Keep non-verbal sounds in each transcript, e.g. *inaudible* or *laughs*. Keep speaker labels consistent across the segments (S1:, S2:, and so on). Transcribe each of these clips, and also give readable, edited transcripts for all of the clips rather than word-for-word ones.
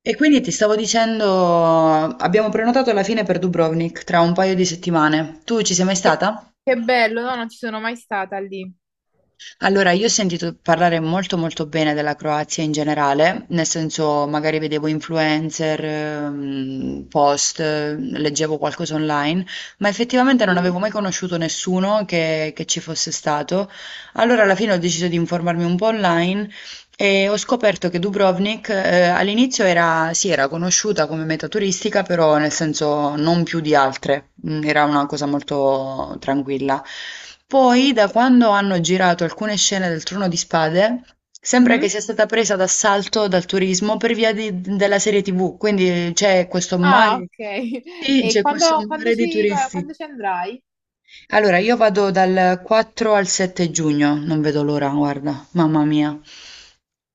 S1: E quindi ti stavo dicendo, abbiamo prenotato alla fine per Dubrovnik tra un paio di settimane. Tu ci sei mai
S2: Che,
S1: stata?
S2: che bello, no, non ci sono mai stata lì.
S1: Allora, io ho sentito parlare molto molto bene della Croazia in generale, nel senso magari vedevo influencer, post, leggevo qualcosa online, ma effettivamente non
S2: Sì.
S1: avevo mai conosciuto nessuno che ci fosse stato. Allora, alla fine ho deciso di informarmi un po' online. E ho scoperto che Dubrovnik, all'inizio era, sì, era conosciuta come meta turistica, però nel senso non più di altre, era una cosa molto tranquilla. Poi, da quando hanno girato alcune scene del Trono di Spade, sembra che
S2: Mhm.
S1: sia stata presa d'assalto dal turismo per via della serie TV, quindi c'è questo
S2: Ah,
S1: mare,
S2: ok. *laughs*
S1: sì,
S2: E
S1: c'è questo
S2: quando, quando
S1: mare di
S2: ci, va-
S1: turisti.
S2: quando ci andrai?
S1: Allora, io vado dal 4 al 7 giugno, non vedo l'ora, guarda, mamma mia.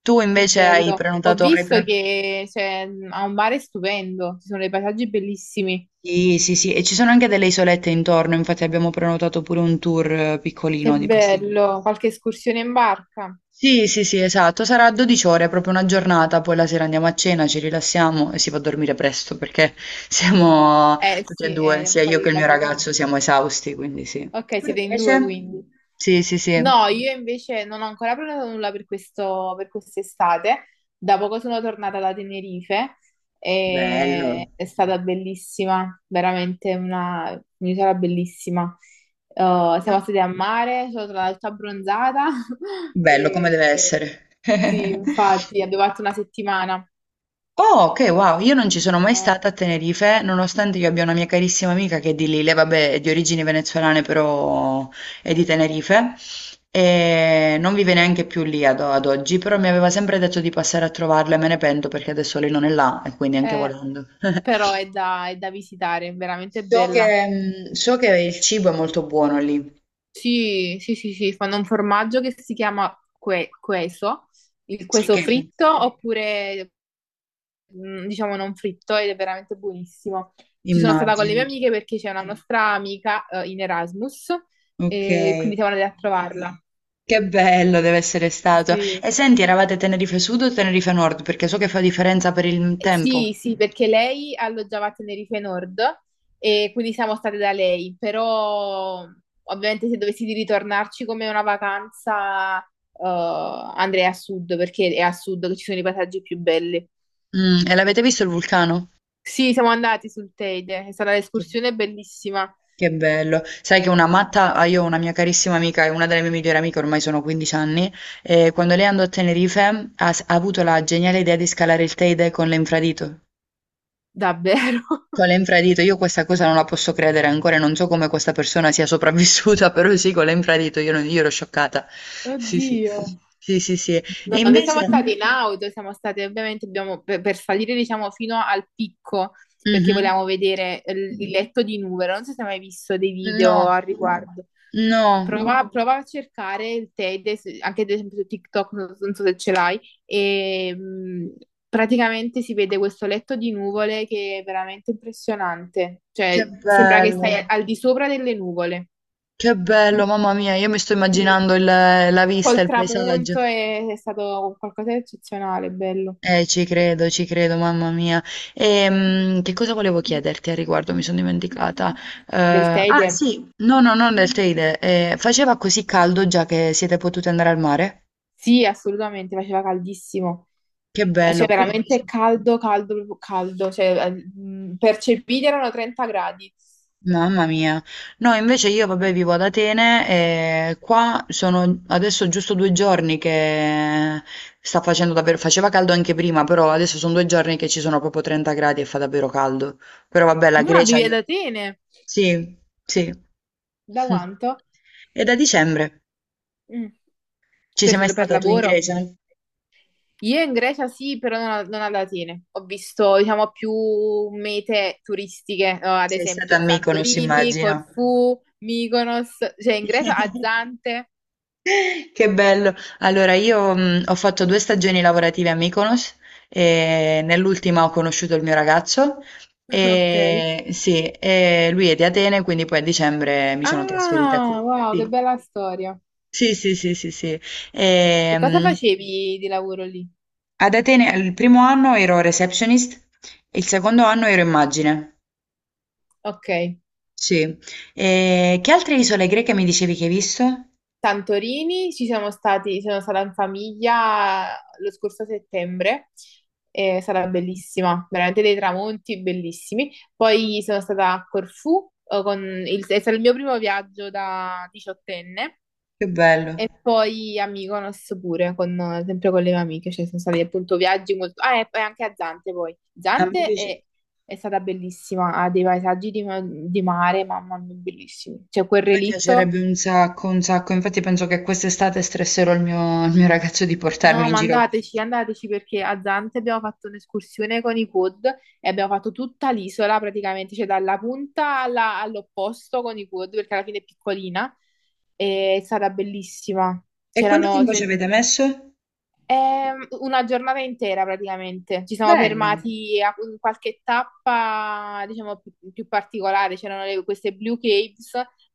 S1: Tu
S2: Che
S1: invece hai
S2: bello. Ho
S1: prenotato,
S2: visto che c'è, ha un mare stupendo, ci sono dei paesaggi bellissimi.
S1: Sì, sì, sì, e ci sono anche delle isolette intorno, infatti abbiamo prenotato pure un tour
S2: Che
S1: piccolino di questi.
S2: bello. Qualche escursione in barca?
S1: Sì, sì, sì, esatto, sarà 12 ore, proprio una giornata, poi la sera andiamo a cena, ci rilassiamo e si va a dormire presto perché *laughs* siamo
S2: Eh
S1: tutti e
S2: sì,
S1: due, sia io che
S2: poi
S1: il
S2: la
S1: mio
S2: giornata.
S1: ragazzo, siamo esausti, quindi sì.
S2: Ok,
S1: Tu
S2: siete in due
S1: invece?
S2: quindi.
S1: Sì, sì, sì.
S2: No, io invece non ho ancora prenotato nulla per quest'estate. Da poco sono tornata da Tenerife e
S1: Bello.
S2: è stata bellissima, veramente una un'isola bellissima. Eh, Siamo stati a mare, sono stata tutta abbronzata. *laughs*
S1: Bello come
S2: e,
S1: deve
S2: e-
S1: essere.
S2: sì,
S1: *laughs*
S2: infatti abbiamo fatto una settimana.
S1: Oh, ok, wow, io non ci sono mai
S2: Eh,
S1: stata a Tenerife, nonostante io abbia una mia carissima amica che è di lì, lei vabbè è di origini venezuelane però è di Tenerife e non vive neanche più lì ad oggi, però mi aveva sempre detto di passare a trovarla e me ne pento perché adesso lei non è là e quindi anche
S2: eh,
S1: volendo.
S2: Però
S1: *laughs*
S2: è da visitare, è veramente
S1: So
S2: bella.
S1: che, so che il cibo è molto buono lì.
S2: Sì, sì, sì, sì, fanno un formaggio che si chiama queso, il
S1: Sì,
S2: queso
S1: che
S2: fritto oppure diciamo non fritto ed è veramente buonissimo. Ci sono stata con le mie
S1: immagino.
S2: amiche perché c'è una nostra amica in Erasmus
S1: Ok.
S2: e quindi siamo andate a trovarla.
S1: Che bello deve essere stato.
S2: Sì.
S1: E senti, eravate Tenerife Sud o Tenerife Nord? Perché so che fa differenza per il tempo.
S2: Sì, sì, perché lei alloggiava a Tenerife Nord e quindi siamo state da lei, però ovviamente se dovessi di ritornarci come una vacanza andrei a sud perché è a sud che ci sono i paesaggi più belli.
S1: E l'avete visto il vulcano?
S2: Sì, siamo andati sul Teide, è stata
S1: Che,
S2: un'escursione bellissima,
S1: che bello. Sai che una matta, ah, io ho una mia carissima amica, è una delle mie migliori amiche, ormai sono 15 anni, e quando lei andò a Tenerife ha avuto la geniale idea di scalare il Teide con l'infradito.
S2: davvero. *laughs*
S1: Con l'infradito, io questa cosa non la posso credere ancora, e non so come questa persona sia sopravvissuta, *laughs* però sì, con l'infradito io, io ero scioccata. Sì, sì.
S2: Oddio.
S1: Sì, sì, sì. E
S2: No, noi siamo
S1: invece.
S2: stati in auto, siamo stati ovviamente per salire diciamo fino al picco perché
S1: Mhm.
S2: volevamo vedere il letto di Nuvero. Non so se hai mai visto dei
S1: No,
S2: video al riguardo.
S1: no,
S2: No. Prova a cercare il Teide, anche ad esempio su TikTok, non so se ce l'hai, e praticamente si vede questo letto di nuvole che è veramente impressionante.
S1: che
S2: Cioè, sembra che
S1: bello,
S2: stai al di sopra delle nuvole.
S1: che bello, mamma mia, io mi sto
S2: Sì.
S1: immaginando la vista,
S2: Col
S1: il paesaggio.
S2: tramonto è stato qualcosa di eccezionale, bello.
S1: Ci credo, mamma mia. Che cosa volevo chiederti al riguardo? Mi sono dimenticata. Eh,
S2: Del
S1: ah,
S2: Teide?
S1: sì, no, no, non del Teide. Faceva così caldo già che siete potute andare al mare?
S2: Sì, assolutamente, faceva caldissimo.
S1: Che bello,
S2: Cioè,
S1: qui
S2: veramente
S1: invece.
S2: caldo, caldo, proprio caldo. Cioè, percepiti erano 30 gradi.
S1: Mamma mia. No, invece io, vabbè, vivo ad Atene e qua sono adesso giusto 2 giorni che sta facendo davvero, faceva caldo anche prima, però adesso sono 2 giorni che ci sono proprio 30 gradi e fa davvero caldo. Però vabbè, la
S2: Ma
S1: Grecia,
S2: vivi
S1: io.
S2: ad Atene?
S1: Sì, sì.
S2: Da
S1: *laughs*
S2: quanto?
S1: E da dicembre?
S2: Mm.
S1: Ci sei mai
S2: Per
S1: stata tu in
S2: lavoro?
S1: Grecia?
S2: Io in Grecia sì, però non ad Atene. Ho visto, diciamo, più mete turistiche, no, ad
S1: Sei stata a
S2: esempio
S1: Mykonos,
S2: Santorini,
S1: immagino.
S2: Corfù, Mykonos, cioè in Grecia a
S1: *laughs*
S2: Zante.
S1: Che bello! Allora io, ho fatto 2 stagioni lavorative a Mykonos e nell'ultima ho conosciuto il mio ragazzo
S2: *laughs* Ok.
S1: e sì, e lui è di Atene, quindi poi a dicembre mi sono trasferita
S2: Ah, wow, che
S1: qui.
S2: bella storia.
S1: Sì, sì, sì, sì, sì, sì.
S2: E cosa
S1: Ehm,
S2: facevi di lavoro lì?
S1: ad Atene il primo anno ero receptionist, il secondo anno ero immagine.
S2: Ok.
S1: Sì. E che altre isole greche mi dicevi che hai visto?
S2: Santorini, ci siamo stati, sono stata in famiglia lo scorso settembre, è stata bellissima, veramente dei tramonti bellissimi. Poi sono stata a Corfù, è stato il mio primo viaggio da diciottenne,
S1: Che bello.
S2: e poi a Mykonos pure, sempre con le mie amiche, cioè sono stati appunto viaggi molto... Ah, e poi anche a Zante poi.
S1: A me
S2: Zante
S1: piace-
S2: è stata bellissima, ha dei paesaggi di mare, mamma mia, bellissimi. C'è quel
S1: A me
S2: relitto...
S1: piacerebbe un sacco, infatti penso che quest'estate stresserò il mio ragazzo di portarmi
S2: No,
S1: in
S2: ma
S1: giro.
S2: andateci, andateci perché a Zante abbiamo fatto un'escursione con i quad e abbiamo fatto tutta l'isola praticamente, cioè dalla punta all'opposto con i quad perché alla fine è piccolina. E è stata bellissima.
S1: E quanto
S2: C'erano,
S1: tempo ci avete messo?
S2: è una giornata intera praticamente. Ci siamo
S1: Bello.
S2: fermati a in qualche tappa, diciamo, più particolare. C'erano queste Blue Caves,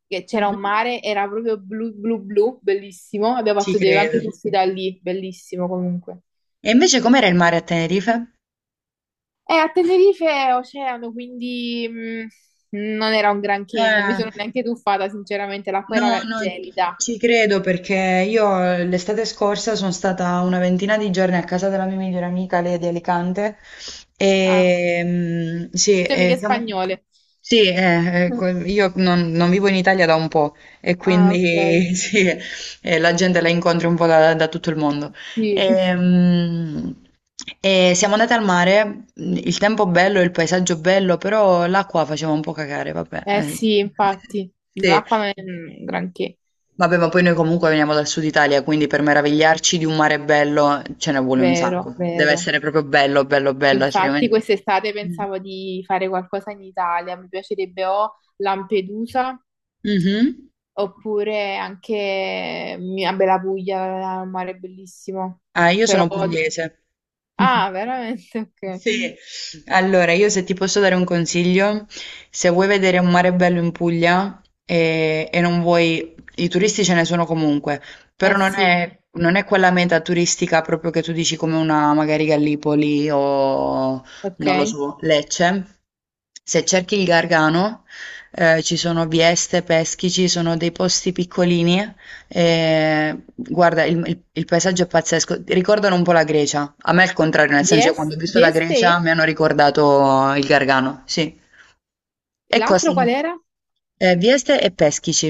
S2: che c'era un
S1: Mhm.
S2: mare, era proprio blu blu blu, bellissimo. Abbiamo
S1: Ci
S2: fatto dei, anche
S1: credo.
S2: questi da lì, bellissimo comunque.
S1: E invece com'era il mare a Tenerife?
S2: E a Tenerife è oceano, quindi non era un granché, non mi
S1: Eh,
S2: sono neanche tuffata, sinceramente, l'acqua era
S1: No, no,
S2: gelida.
S1: ci credo perché io l'estate scorsa sono stata una ventina di giorni a casa della mia migliore amica, lei è di Alicante,
S2: Ah,
S1: e sì,
S2: temi
S1: e
S2: che
S1: siamo.
S2: spagnole.
S1: Sì,
S2: *laughs*
S1: io non vivo in Italia da un po' e
S2: Ah, ok,
S1: quindi *laughs* sì, la gente la incontri un po' da tutto il mondo.
S2: sì.
S1: E, mm, e siamo andate al mare, il tempo bello, il paesaggio bello, però l'acqua faceva un po' cagare, vabbè.
S2: Eh sì, infatti,
S1: *laughs* Sì.
S2: l'acqua non è un granché,
S1: Vabbè, ma poi noi comunque veniamo dal Sud Italia, quindi per meravigliarci di un mare bello ce ne vuole un
S2: vero,
S1: sacco. Deve
S2: vero.
S1: essere proprio bello, bello, bello,
S2: Infatti
S1: altrimenti.
S2: quest'estate pensavo di fare qualcosa in Italia, mi piacerebbe o Lampedusa
S1: Mhm.
S2: oppure anche mia Bella Puglia, il mare è bellissimo.
S1: Ah, io
S2: Però...
S1: sono pugliese.
S2: Ah,
S1: *laughs*
S2: veramente? Ok.
S1: Sì, allora io se ti posso dare un consiglio, se vuoi vedere un mare bello in Puglia e non vuoi, i turisti ce ne sono comunque, però
S2: Eh
S1: non
S2: sì,
S1: è, non è quella meta turistica proprio che tu dici come una magari Gallipoli o
S2: ok.
S1: non lo so, Lecce. Se cerchi il Gargano, ci sono Vieste, Peschici, sono dei posti piccolini. Guarda, il paesaggio è pazzesco. Ricordano un po' la Grecia. A me è il contrario, nel senso che quando ho visto la Grecia
S2: Vieste?
S1: mi hanno ricordato il Gargano, sì. E
S2: L'altro
S1: costano
S2: qual era?
S1: Vieste e Peschici.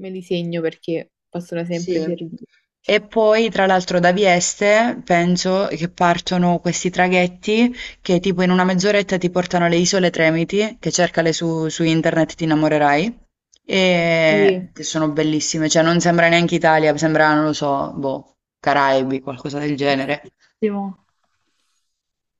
S2: Me li segno perché possono sempre
S1: Sì.
S2: servire.
S1: E poi tra l'altro da Vieste penso che partono questi traghetti che tipo in una mezz'oretta ti portano alle Isole Tremiti, che cercale su internet ti innamorerai,
S2: Sì.
S1: e che sono bellissime, cioè non sembra neanche Italia, sembra, non lo so, boh, Caraibi, qualcosa del genere.
S2: Ottimo.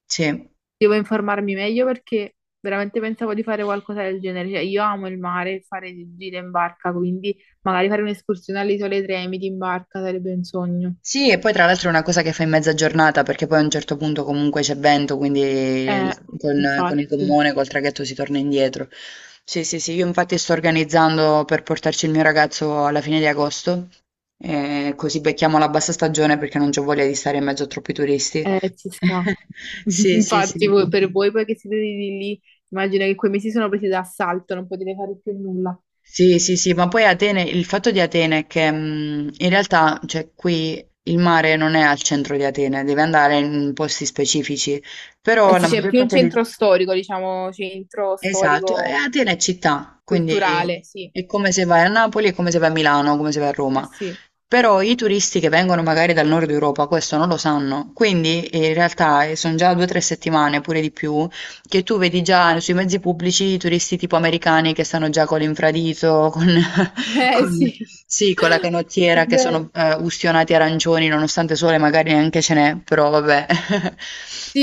S1: Sì.
S2: Devo informarmi meglio perché veramente pensavo di fare qualcosa del genere. Cioè, io amo il mare, e fare gite in barca, quindi magari fare un'escursione alle Isole Tremiti in barca sarebbe un sogno.
S1: Sì, e poi tra l'altro è una cosa che fai in mezza giornata perché poi a un certo punto comunque c'è vento, quindi
S2: Eh,
S1: con il
S2: infatti,
S1: gommone, col traghetto si torna indietro. Sì, sì, sì, io infatti sto organizzando per portarci il mio ragazzo alla fine di agosto, così becchiamo la bassa stagione perché non c'ho voglia di stare in mezzo a troppi turisti.
S2: ci sta.
S1: *laughs*
S2: *laughs*
S1: Sì, sì,
S2: Infatti,
S1: sì.
S2: per voi poi che siete lì, lì, immagino che quei mesi sono presi d'assalto, non potete fare più nulla.
S1: Sì, sì, sì, ma poi Atene, il fatto di Atene è che in realtà, cioè, qui il mare.
S2: Eh sì, c'è più un centro storico, diciamo, centro
S1: Esatto, e
S2: storico
S1: Atene è città, quindi
S2: culturale, sì.
S1: è come se vai a Napoli, è come se vai a Milano, come se vai a
S2: Eh
S1: Roma.
S2: sì. *laughs*
S1: Però i turisti che vengono magari dal nord Europa questo non lo sanno, quindi in realtà sono già 2 o 3 settimane, pure di più, che tu vedi già sui mezzi pubblici i turisti tipo americani che stanno già con l'infradito, *laughs*
S2: Eh
S1: con-
S2: sì.
S1: sì, con la
S2: È
S1: canottiera, che sono
S2: vero.
S1: ustionati arancioni, nonostante sole magari neanche ce n'è, però vabbè.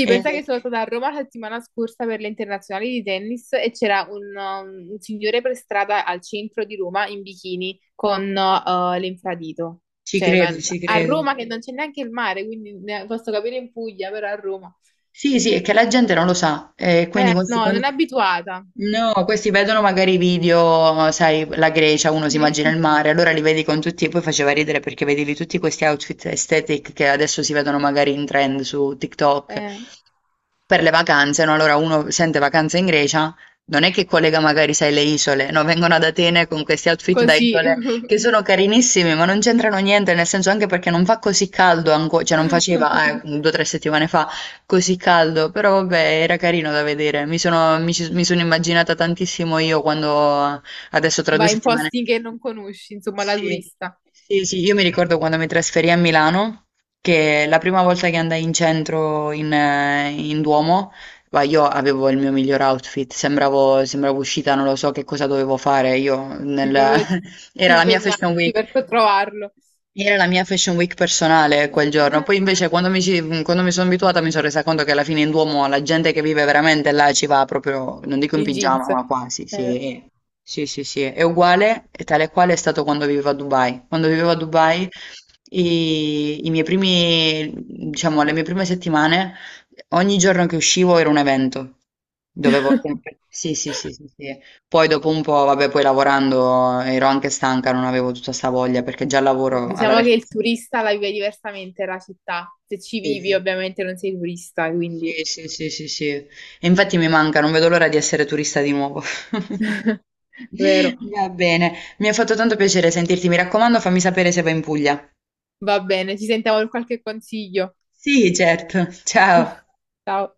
S1: *laughs* E
S2: pensa che sono stata a Roma la settimana scorsa per le internazionali di tennis e c'era un signore per strada al centro di Roma in bikini con l'infradito.
S1: ci
S2: Cioè,
S1: credo, ci
S2: a
S1: credo.
S2: Roma che non c'è neanche il mare, quindi posso capire in Puglia, però a Roma.
S1: Sì, sì, è che la gente non lo sa, e quindi questi,
S2: No, non è abituata.
S1: no, questi vedono magari i video, sai, la Grecia, uno si
S2: Sì.
S1: immagina il
S2: *laughs*
S1: mare, allora li vedi con tutti, e poi faceva ridere perché vedevi tutti questi outfit aesthetic che adesso si vedono magari in trend su TikTok
S2: Eh,
S1: per le vacanze, no? Allora uno sente vacanze in Grecia, non è che collega magari, sai, le isole, no? Vengono ad Atene con questi outfit da
S2: Così *laughs*
S1: isole che sono carinissimi, ma non c'entrano niente, nel senso anche perché non fa così caldo ancora, cioè non faceva 2 o 3 settimane fa così caldo, però vabbè, era carino da vedere. Mi sono immaginata tantissimo io quando adesso tra due
S2: vai in
S1: settimane.
S2: posti che non conosci, insomma, la
S1: Sì,
S2: turista.
S1: sì, sì, io mi ricordo quando mi trasferì a Milano, che la prima volta che andai in centro in Duomo, ma io avevo il mio miglior outfit, sembravo uscita, non lo so che cosa dovevo fare io
S2: Devi proprio
S1: *laughs*
S2: ti
S1: Era la mia Fashion
S2: impegnarti
S1: Week.
S2: per trovarlo
S1: Era la mia Fashion Week personale quel giorno, poi invece
S2: *laughs*
S1: quando mi sono abituata mi sono resa conto che alla fine in Duomo la gente che vive veramente là ci va proprio, non dico in
S2: in
S1: pigiama,
S2: jeans.
S1: ma quasi,
S2: Eh.
S1: sì. Sì, sì, sì, è uguale, e tale e quale è stato quando vivevo a Dubai. Quando vivevo a Dubai, i miei primi, diciamo, le mie prime settimane, ogni giorno che uscivo era un evento. Dovevo
S2: *laughs*
S1: sempre. Sì, sì, sì, sì, sì. Poi dopo un po', vabbè, poi lavorando ero anche stanca, non avevo tutta sta voglia perché già lavoro alla
S2: Diciamo che il
S1: recinzione.
S2: turista la vive diversamente la città. Se ci vivi,
S1: Sì,
S2: ovviamente non sei turista, quindi
S1: sì, sì, sì, sì, sì. E infatti mi manca, non vedo l'ora di essere turista di nuovo. *laughs*
S2: vero.
S1: Va bene, mi ha fatto tanto piacere sentirti, mi raccomando, fammi sapere se vai in Puglia.
S2: Va bene, ci sentiamo per qualche consiglio.
S1: Sì, certo. Ciao.
S2: Ciao.